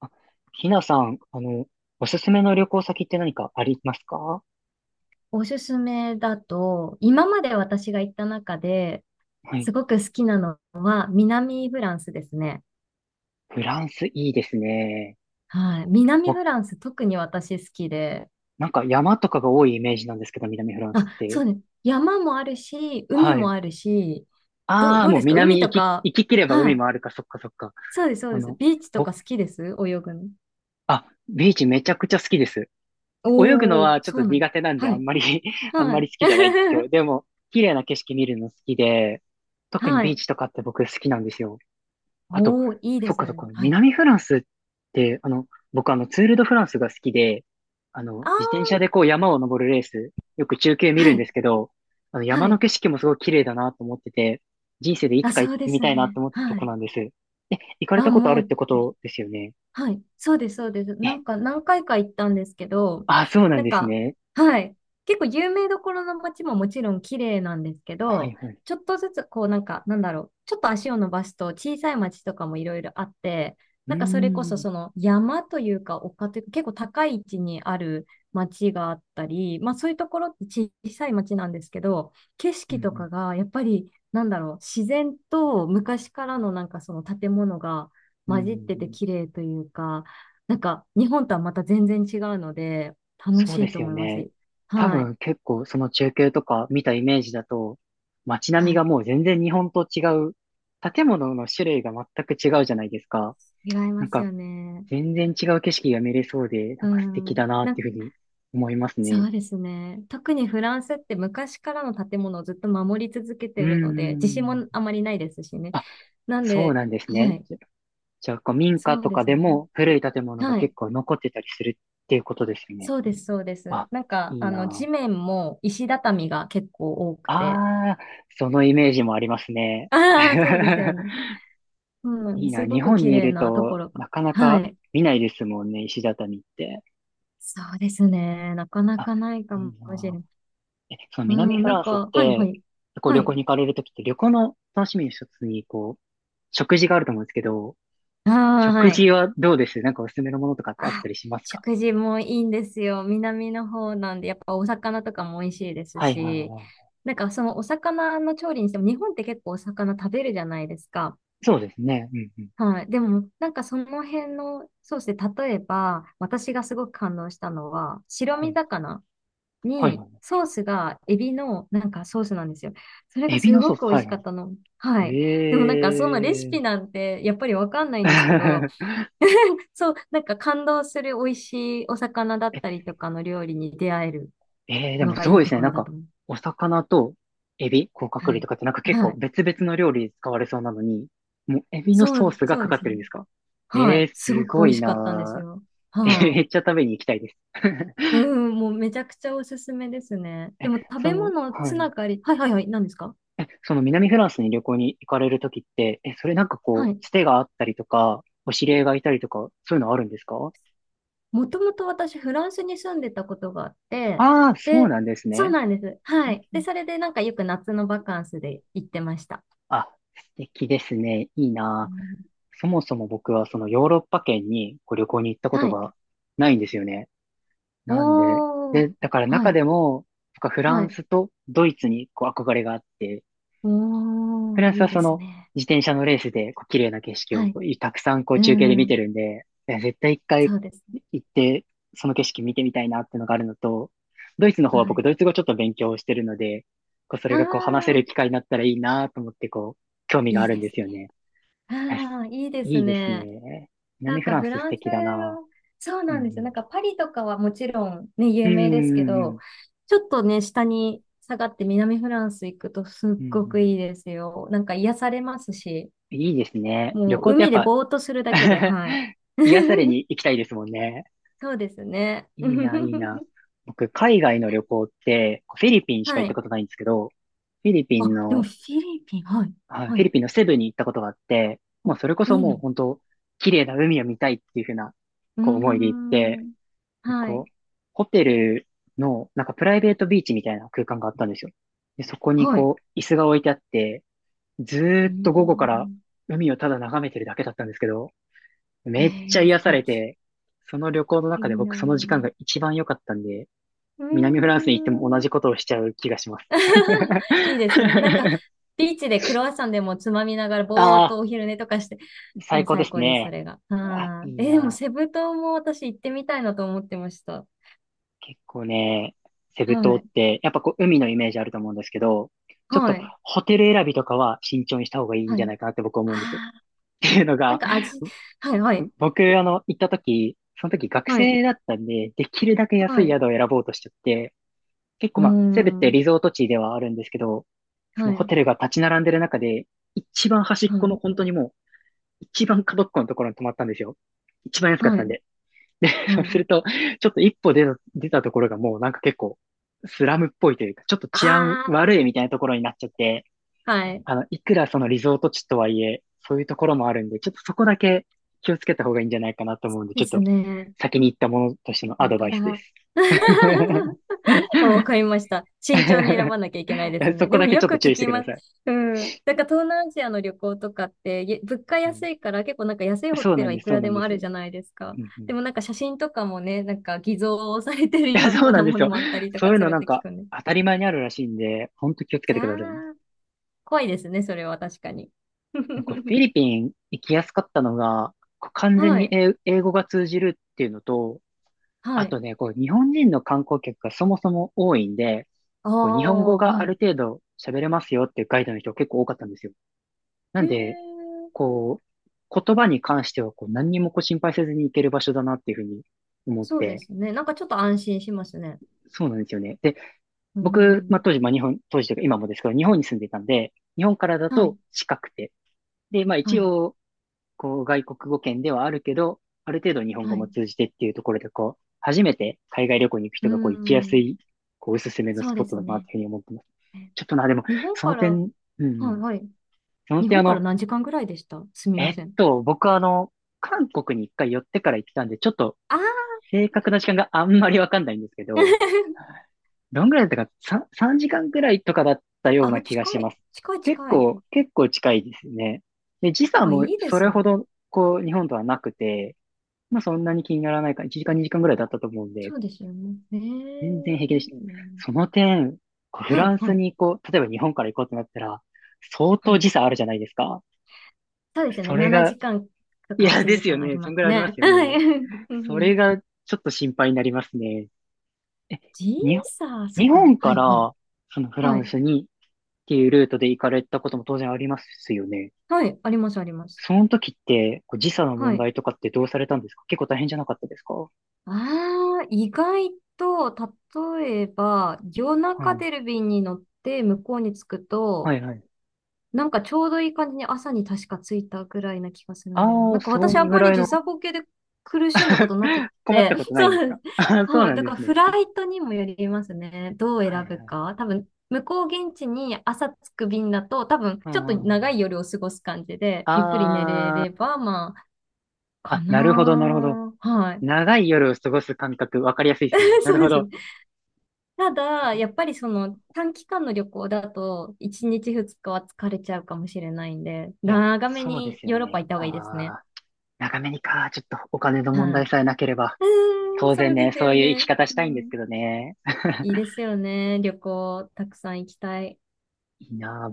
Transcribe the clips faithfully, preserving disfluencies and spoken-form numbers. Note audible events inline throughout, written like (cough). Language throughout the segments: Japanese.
あ、ひなさん、あの、おすすめの旅行先って何かありますか？おすすめだと、今まで私が行った中ではい。すごく好きなのは南フランスですね。フランスいいですね。はい。南わ、フランス特に私好きで。なんか山とかが多いイメージなんですけど、南フランスっあ、そて。うね。山もあるし、海はもい。あるし、ど、ああ、どうもでうすか海南行とき、か。行き切ればは海い。もあるか、そっかそっか。そうです、そうあです。の、ビーチと僕、か好きです泳ぐの。あ、ビーチめちゃくちゃ好きです。泳ぐのおー、はちょっそとうなん苦手なんで、はあんい。まり (laughs) あんはまい。り好きじゃないんですけど、でも、綺麗な景色見るの好きで、(laughs) 特にはビーい。チとかって僕好きなんですよ。あと、おー、いいでそっかすそっね。か、はい。南フランスって、あの、僕あの、ツール・ド・フランスが好きで、あの、あ自転車ー、でこう山を登るレース、よく中継見はるんでい。すけど、あの、山はのい。景色もすごい綺麗だなと思ってて、人生でいつあ、かそ行っうでてみすたいなとね。思ってたとはこい。なんです。え、行かれあ、たことあもるっう、てことですよね。はい、そうです、そうです。え、なんか何回か行ったんですけど、あ、そうななんんですか、ね。はい、結構有名どころの街ももちろん綺麗なんですけはど、いはい。ちょっとずつこうなんか、なんだろう、ちょっと足を伸ばすと小さい街とかもいろいろあって、うーなんかそれこそん、その山というか丘というか結構高い位置にある街があったり、まあそういうところって小さい街なんですけど、景う色とん、かがやっぱりなんだろう、自然と昔からのなんかその建物がうん、う混じっててん。綺麗というか、なんか日本とはまた全然違うので、楽そうしでいとすよ思いますね。し。多はい。分結構その中継とか見たイメージだと、街並みはがい。もう全然日本と違う、建物の種類が全く違うじゃないですか。違いなんますかよね。全然違う景色が見れそうで、なんうか素敵ん。だなっな、ていうふうに思いますそね。うですね。特にフランスって昔からの建物をずっと守り続けうてーるので、地震もん。あまりないですしね。あ、なんそうで、なんですはね。い。じゃ、じゃあこう民家そうとでかすでね。も古い建物がはい。結構残ってたりするっていうことですよね。そうです、そうです。あ、なんか、いいあの、地な面も石畳が結構多くて。あ。あー、そのイメージもありますね。ああ、そうですよ (laughs) ね。ういいん、な。すご日く本綺にい麗るなとと、ころが。なかなはかい。見ないですもんね、石畳って。そうですね。なかなあ、かないかいいもしれな。ない。え、そのう南ん、フなラんンスっか、はいはて、い。こうは旅行い。に行かれるときって、旅行の楽しみの一つに、こう、食事があると思うんですけど、ああ、食はい。事はどうです、なんかおすすめのものとかってあったあ、りしますか？食事もいいんですよ。南の方なんで、やっぱお魚とかも美味しいですはいはいし、はなんかそのお魚の調理にしても、日本って結構お魚食べるじゃないですか。い。そうですね。うんうん。はい。でも、なんかその辺のソースで、例えば、私がすごく感動したのは、白は身い魚。はいに、はソースがエビのなんかソースなんですよ。それい。がエビすのソごース、く美は味いしはかったの。はい。い。でもなんかそのレシええピなんてやっぱりわかんないんですけど、ー。(laughs) (laughs) そう、なんか感動する美味しいお魚だったりとかの料理に出会えるええ、でのもがすいごいいでとすね。こなんろだか、と思う。お魚とエビ、甲殻は類とい。かってなんか結は構い。別々の料理に使われそうなのに、もうエビのそソーう、スがそうかでかっすてるんでね。すか？はえい。え、すすごく美ご味いしかったんですなー。よ。えー、はめい。っちゃ食べに行きたいです。(laughs) うん、もうめちゃくちゃおすすめですね。え、でも食そべの、物はつい。ながり、はいはいはい、何ですかえ、その南フランスに旅行に行かれるときって、え、それなんかはこう、い。つてがあったりとか、お知り合いがいたりとか、そういうのあるんですか？もともと私、フランスに住んでたことがあって、ああー、そうで、なんですそうね。なんです。うはんい。うで、ん。それでなんかよく夏のバカンスで行ってました。あ、素敵ですね。いいうな。んそもそも僕はそのヨーロッパ圏にこう旅行に行ったこはとい。がないんですよね。なんで、おー。で、だからは中い。でも、僕はフラはンい。スとドイツにこう憧れがあって、おフー。ランスいはいでそすのね。自転車のレースでこう綺麗な景色はをい。こうたくさんこううー中継で見てん。るんで、いや絶対一回そうですね。行ってその景色見てみたいなっていうのがあるのと、ドイツの方はは僕い。ドイツ語ちょっと勉強してるので、こうそれはがこう話せーるい。機会になったらいいなと思ってこう興味があいいるんでですすよね。ね。え、あー、いいですいいですね。ね。な南んフかランフス素ランス敵だな。そううなんですよ。なんんかパリとかはもちろんね、う有ん。う名でんすけうんうん。ど、ちょっとね、下に下がって南フランス行くとすうっんうごくん。いいですよ。なんか癒されますし、いいですね。旅も行うってやっ海でぱ ぼーっとするだけで、(laughs) はい。癒され (laughs) に行きたいですもんね。そうですね。いいな、いいな。(laughs) 僕、海外の旅行って、フィリピンしかは行ったい。ことないんですけど、フィリピンあ、でもの、フィリピン、はい。あ、フはィい。リピンのセブに行ったことがあって、あもうそれこそいいもうな。本当、綺麗な海を見たいっていうふうな、うーこう思いで行って、ん。はこい。う、ホテルの、なんかプライベートビーチみたいな空間があったんですよ。で、そこにはい。こう、椅子が置いてあって、ずーうーっと午後からん。海をただ眺めてるだけだったんですけど、えめっちゃー、癒素され敵。て、その旅行のい中でい僕そなの時間が一番良かったんで、う南フーランスに行っても同ん。じことをしちゃう気がします。(laughs) いいですね。なんか、(laughs) ビーチでクロワッサンでもつまみながら、ぼーあっあ、とお昼寝とかして、も最う高で最す高です、そね。れが。あ、はいいい。えー、でも、な。セブ島も私行ってみたいなと思ってました。結構ね、セブ島はっい。て、やっぱこう海のイメージあると思うんですけど、ちょっはとい。ホテル選びとかは慎重にした方がいいんはじゃい。ないかなって僕思うんです。っあーていうのなんが、か味、はい、はい。僕あの、行った時、その時学はい。生だったんで、できるだけ安はいい。宿を選ぼうとしちゃって、結う構ーまあ、セブってん。リゾート地ではあるんですけど、そはのホい。テルが立ち並んでる中で、一番端っはこのい。本当にもう、一番角っこのところに泊まったんですよ。一番安かっはたんい。で。(laughs) で、そうはすい。ると、ちょっと一歩出た、出たところがもうなんか結構、スラムっぽいというか、ちょっと治安あ悪いみたいなところになっちゃって、あ、はい。あの、いくらそのリゾート地とはいえ、そういうところもあるんで、ちょっとそこだけ気をつけた方がいいんじゃないかなと思うんで、でちょっとすね。先に言ったものとしてのア本ドバ当イスでだ。す。あ、わかりました。慎重に選 (laughs) ばなきゃいけないですそね。こでだもけちよょっくと注聞意してきくだます。さい。うん。なんか東南アジアの旅行とかって、ゆ物価はい、安いから結構なんか安いホそうテなルんはでいす、くそうらなでんでもあす。うるじゃんないですうか。ん、いでもなんか写真とかもね、なんか偽造されてるや、よそううななんでもすのよ。もあったりとそうかいうすのるっなんて聞かくんで。当たり前にあるらしいんで、ほんと気をつけいてやくださいね。ー、怖いですね、それは確かに。なんかフィ (laughs) リピン行きやすかったのが、こう完全はにい。英英語が通じるっていうのと、はあい。とね、こう日本人の観光客がそもそも多いんで、あこう日本語あ、がはあい。る程度喋れますよっていうガイドの人結構多かったんですよ。なへえ、んで、こう、言葉に関してはこう何にもこう心配せずに行ける場所だなっていうふうに思っそうでて、すね。なんかちょっと安心しますね。そうなんですよね。で、う僕、まあ、ん。当時、まあ、日本、当時というか今もですけど、日本に住んでいたんで、日本からだはい。と近くて、で、まあは一い。応、こう、外国語圏ではあるけど、ある程度日本は語もい。通じてっていうところで、こう、初めて海外旅行に行くう人がこう行きやすん。い、こう、おすすめのスそうポでットすだなっね。ていうふうに思ってます。えちょっとな、でも、日本そかのら、点、うんうはいん、はい。その日点あ本からの、何時間ぐらいでしたすみえまっせん。と、僕はあの、韓国に一回寄ってから行ってたんで、ちょっとあー 正確な時間があんまりわかんないんですけど、(laughs) どんぐらいだったか、さん時間くらいとかだったようなあ、気がし近まい。す。近い結近い。構、結構近いですね。で、時差あ、いもいでそれすね。ほど、こう、日本とはなくて、まあそんなに気にならないから、いちじかん、にじかんぐらいだったと思うんで、そうですよね。え全然平え気でいした。いな。その点、こうフはラいンスはい。に行こう、例えば日本から行こうってなったら、相は当時い。差あるじゃないですか。そうですね。それ7が、時間といかや、8です時よ間ありね。まそんすぐらいありまね。すよはい。ね。(laughs) うんうそれんがちょっと心配になりますね。え、時日本、差、そ日っか。本はからいはい。そのフラはンい。スにっていうルートで行かれたことも当然ありますよね。はい。ありますあります。その時ってこう時差のは問い。題とかってどうされたんですか？結構大変じゃなかったですか？はああ、意外と、例えば、夜中い。出る便に乗って向こうに着くはと、いはい。なんかちょうどいい感じに朝に確か着いたぐらいな気がするんだよな。あなあ、んかそ私あんんぐまらりいの 時差ボケで苦しんだことなくっ (laughs) 困って、たこと (laughs) なそいうですなんかです。あ (laughs) そうはい。なんだでからすフね。ライトにもよりますね。どうはい選ぶはい。か。多分、向こう現地に朝着く便だと、多分、ちょっとあ長い夜を過ごす感じで、ゆっくり寝れあれー、ば、まあ、かあ、なるほど、なるほど。なー。はい。長い夜を過ごす感覚、わかりやすいですね。(laughs) なそるうほです。ど。ただ、やっぱりその短期間の旅行だと、いちにちふつかは疲れちゃうかもしれないんで、いや、長めそうでにすよヨーロッパ行ね。った方がいいですね。ああ、長めにか、ちょっとお金の問は題い。さえなければ。うーん、当そ然うでね、すそよういう生きね。方しうたいんですん。けどね。いいで (laughs) すよね。旅行、たくさん行きたい。いいなあ、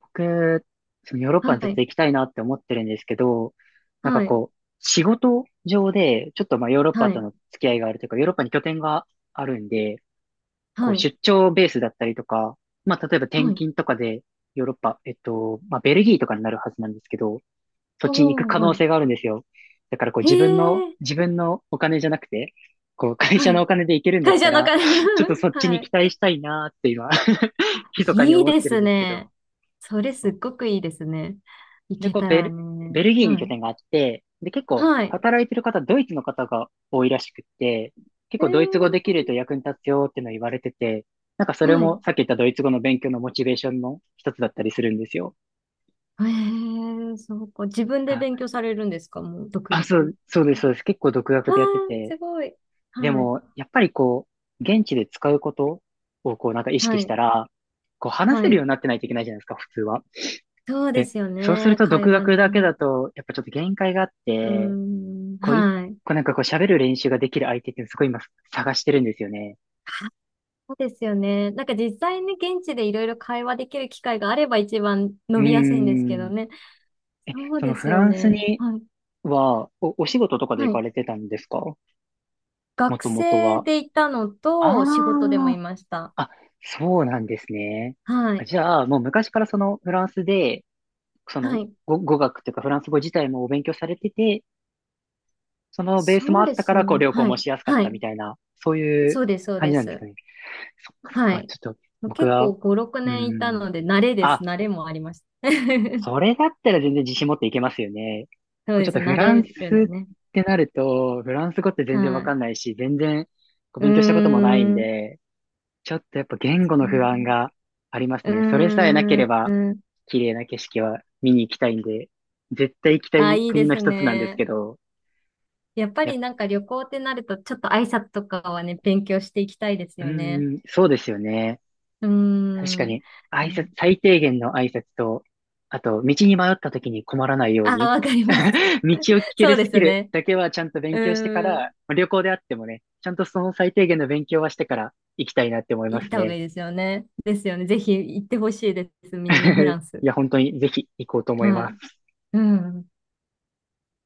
僕、そのヨーロッパはにずっとい。行きたいなって思ってるんですけど、なんかはい。こう、仕事上で、ちょっとまあヨーロッパはとい。の付き合いがあるというか、ヨーロッパに拠点があるんで、こはうい。出張ベースだったりとか、まあ例えば転はい。勤とかでヨーロッパ、えっと、まあベルギーとかになるはずなんですけど、そっちに行くおー、可は能い。性があるんですよ。だからこうへ自分の、え。自分のお金じゃなくて、こう会社はのおい。金で行けるんだっ会た社のら、金。ちょっと (laughs) そっちには期い。待したいなーって今、(laughs) あ、密かにいい思っでてるんすですけど、ね。それそすうっごくいいですね。行で、けこうたベらル、ベね。ルギーには拠い。点があって、で、結構はい。働いてる方、ドイツの方が多いらしくって、結え構ドイツ語できるとー役に立つよっていうのを言われてて、なんかそれはい。もさっき言ったドイツ語の勉強のモチベーションの一つだったりするんですよ。ええそうか。自分で勉あ、強されるんですかもう、独あそ学。う、そうです、そうです。結構独学わあ、でやってて、すごい。ではい。も、やっぱりこう、現地で使うことをこうなんか意は識しい。たら、こう話はせるよい。うになってないといけないじゃないですか、普通は。そうでで、すよそうするね。と会独話学だけね。だと、やっぱちょっと限界があっうーて、ん。こう、一はい。個なんかこう喋る練習ができる相手ってすごい今探してるんですよね。あそうですよね。なんか実際に現地でいろいろ会話できる機会があれば一番うー伸びやすいんですけどん。ね。え、そうそのでフすよランスね。にはい。は、お、お仕事とかでは行かい。れてたんですか、も学ともと生は。でいたのあと、仕事でもいーました。あ、そうなんですね。はい。じゃあ、もう昔からそのフランスで、そはのい。語、語学というかフランス語自体もお勉強されてて、そのベースもそあうっでたかすら、こう、ね。旅行はもい。しやすかっはたい。みたいな、そういうそうです、そう感でじなんですす。かね。そっかそっはか、い。ちょっと僕結は、う構ご、6ー年いたん。ので、慣れです。あ、慣れもありました。そ (laughs) れだったら全然自信持っていけますよね。そう僕ちでょっす。とフ慣ラれンスるんでっね。てなると、フランス語って全然わはかい。んないし、全然こうう勉強したこともないんーん。で、ちょっとやっぱ言語の不安がありますうね。それさえーなければ、ん。綺麗な景色は見に行きたいんで、絶対行きたあ、いいいで国のす一つなんですね。けど、やっぱやっ、りなんか旅行ってなると、ちょっと挨拶とかはね、勉強していきたいですうよね。ーん、そうですよね。うー確かん。に、い挨や拶、最低限の挨拶と、あと、道に迷った時に困らないようあ、に、わかります。道を聞 (laughs) けそるうスでキすルね。だけはちゃんとう勉強してから、ーん。まあ旅行であってもね、ちゃんとその最低限の勉強はしてから行きたいなって思いま行っすた方がね。いいですよね。ですよね。ぜひ行ってほしいです。南フラ (laughs) ンいス。や、本当にぜひ行こうと思いはまい。す。うん。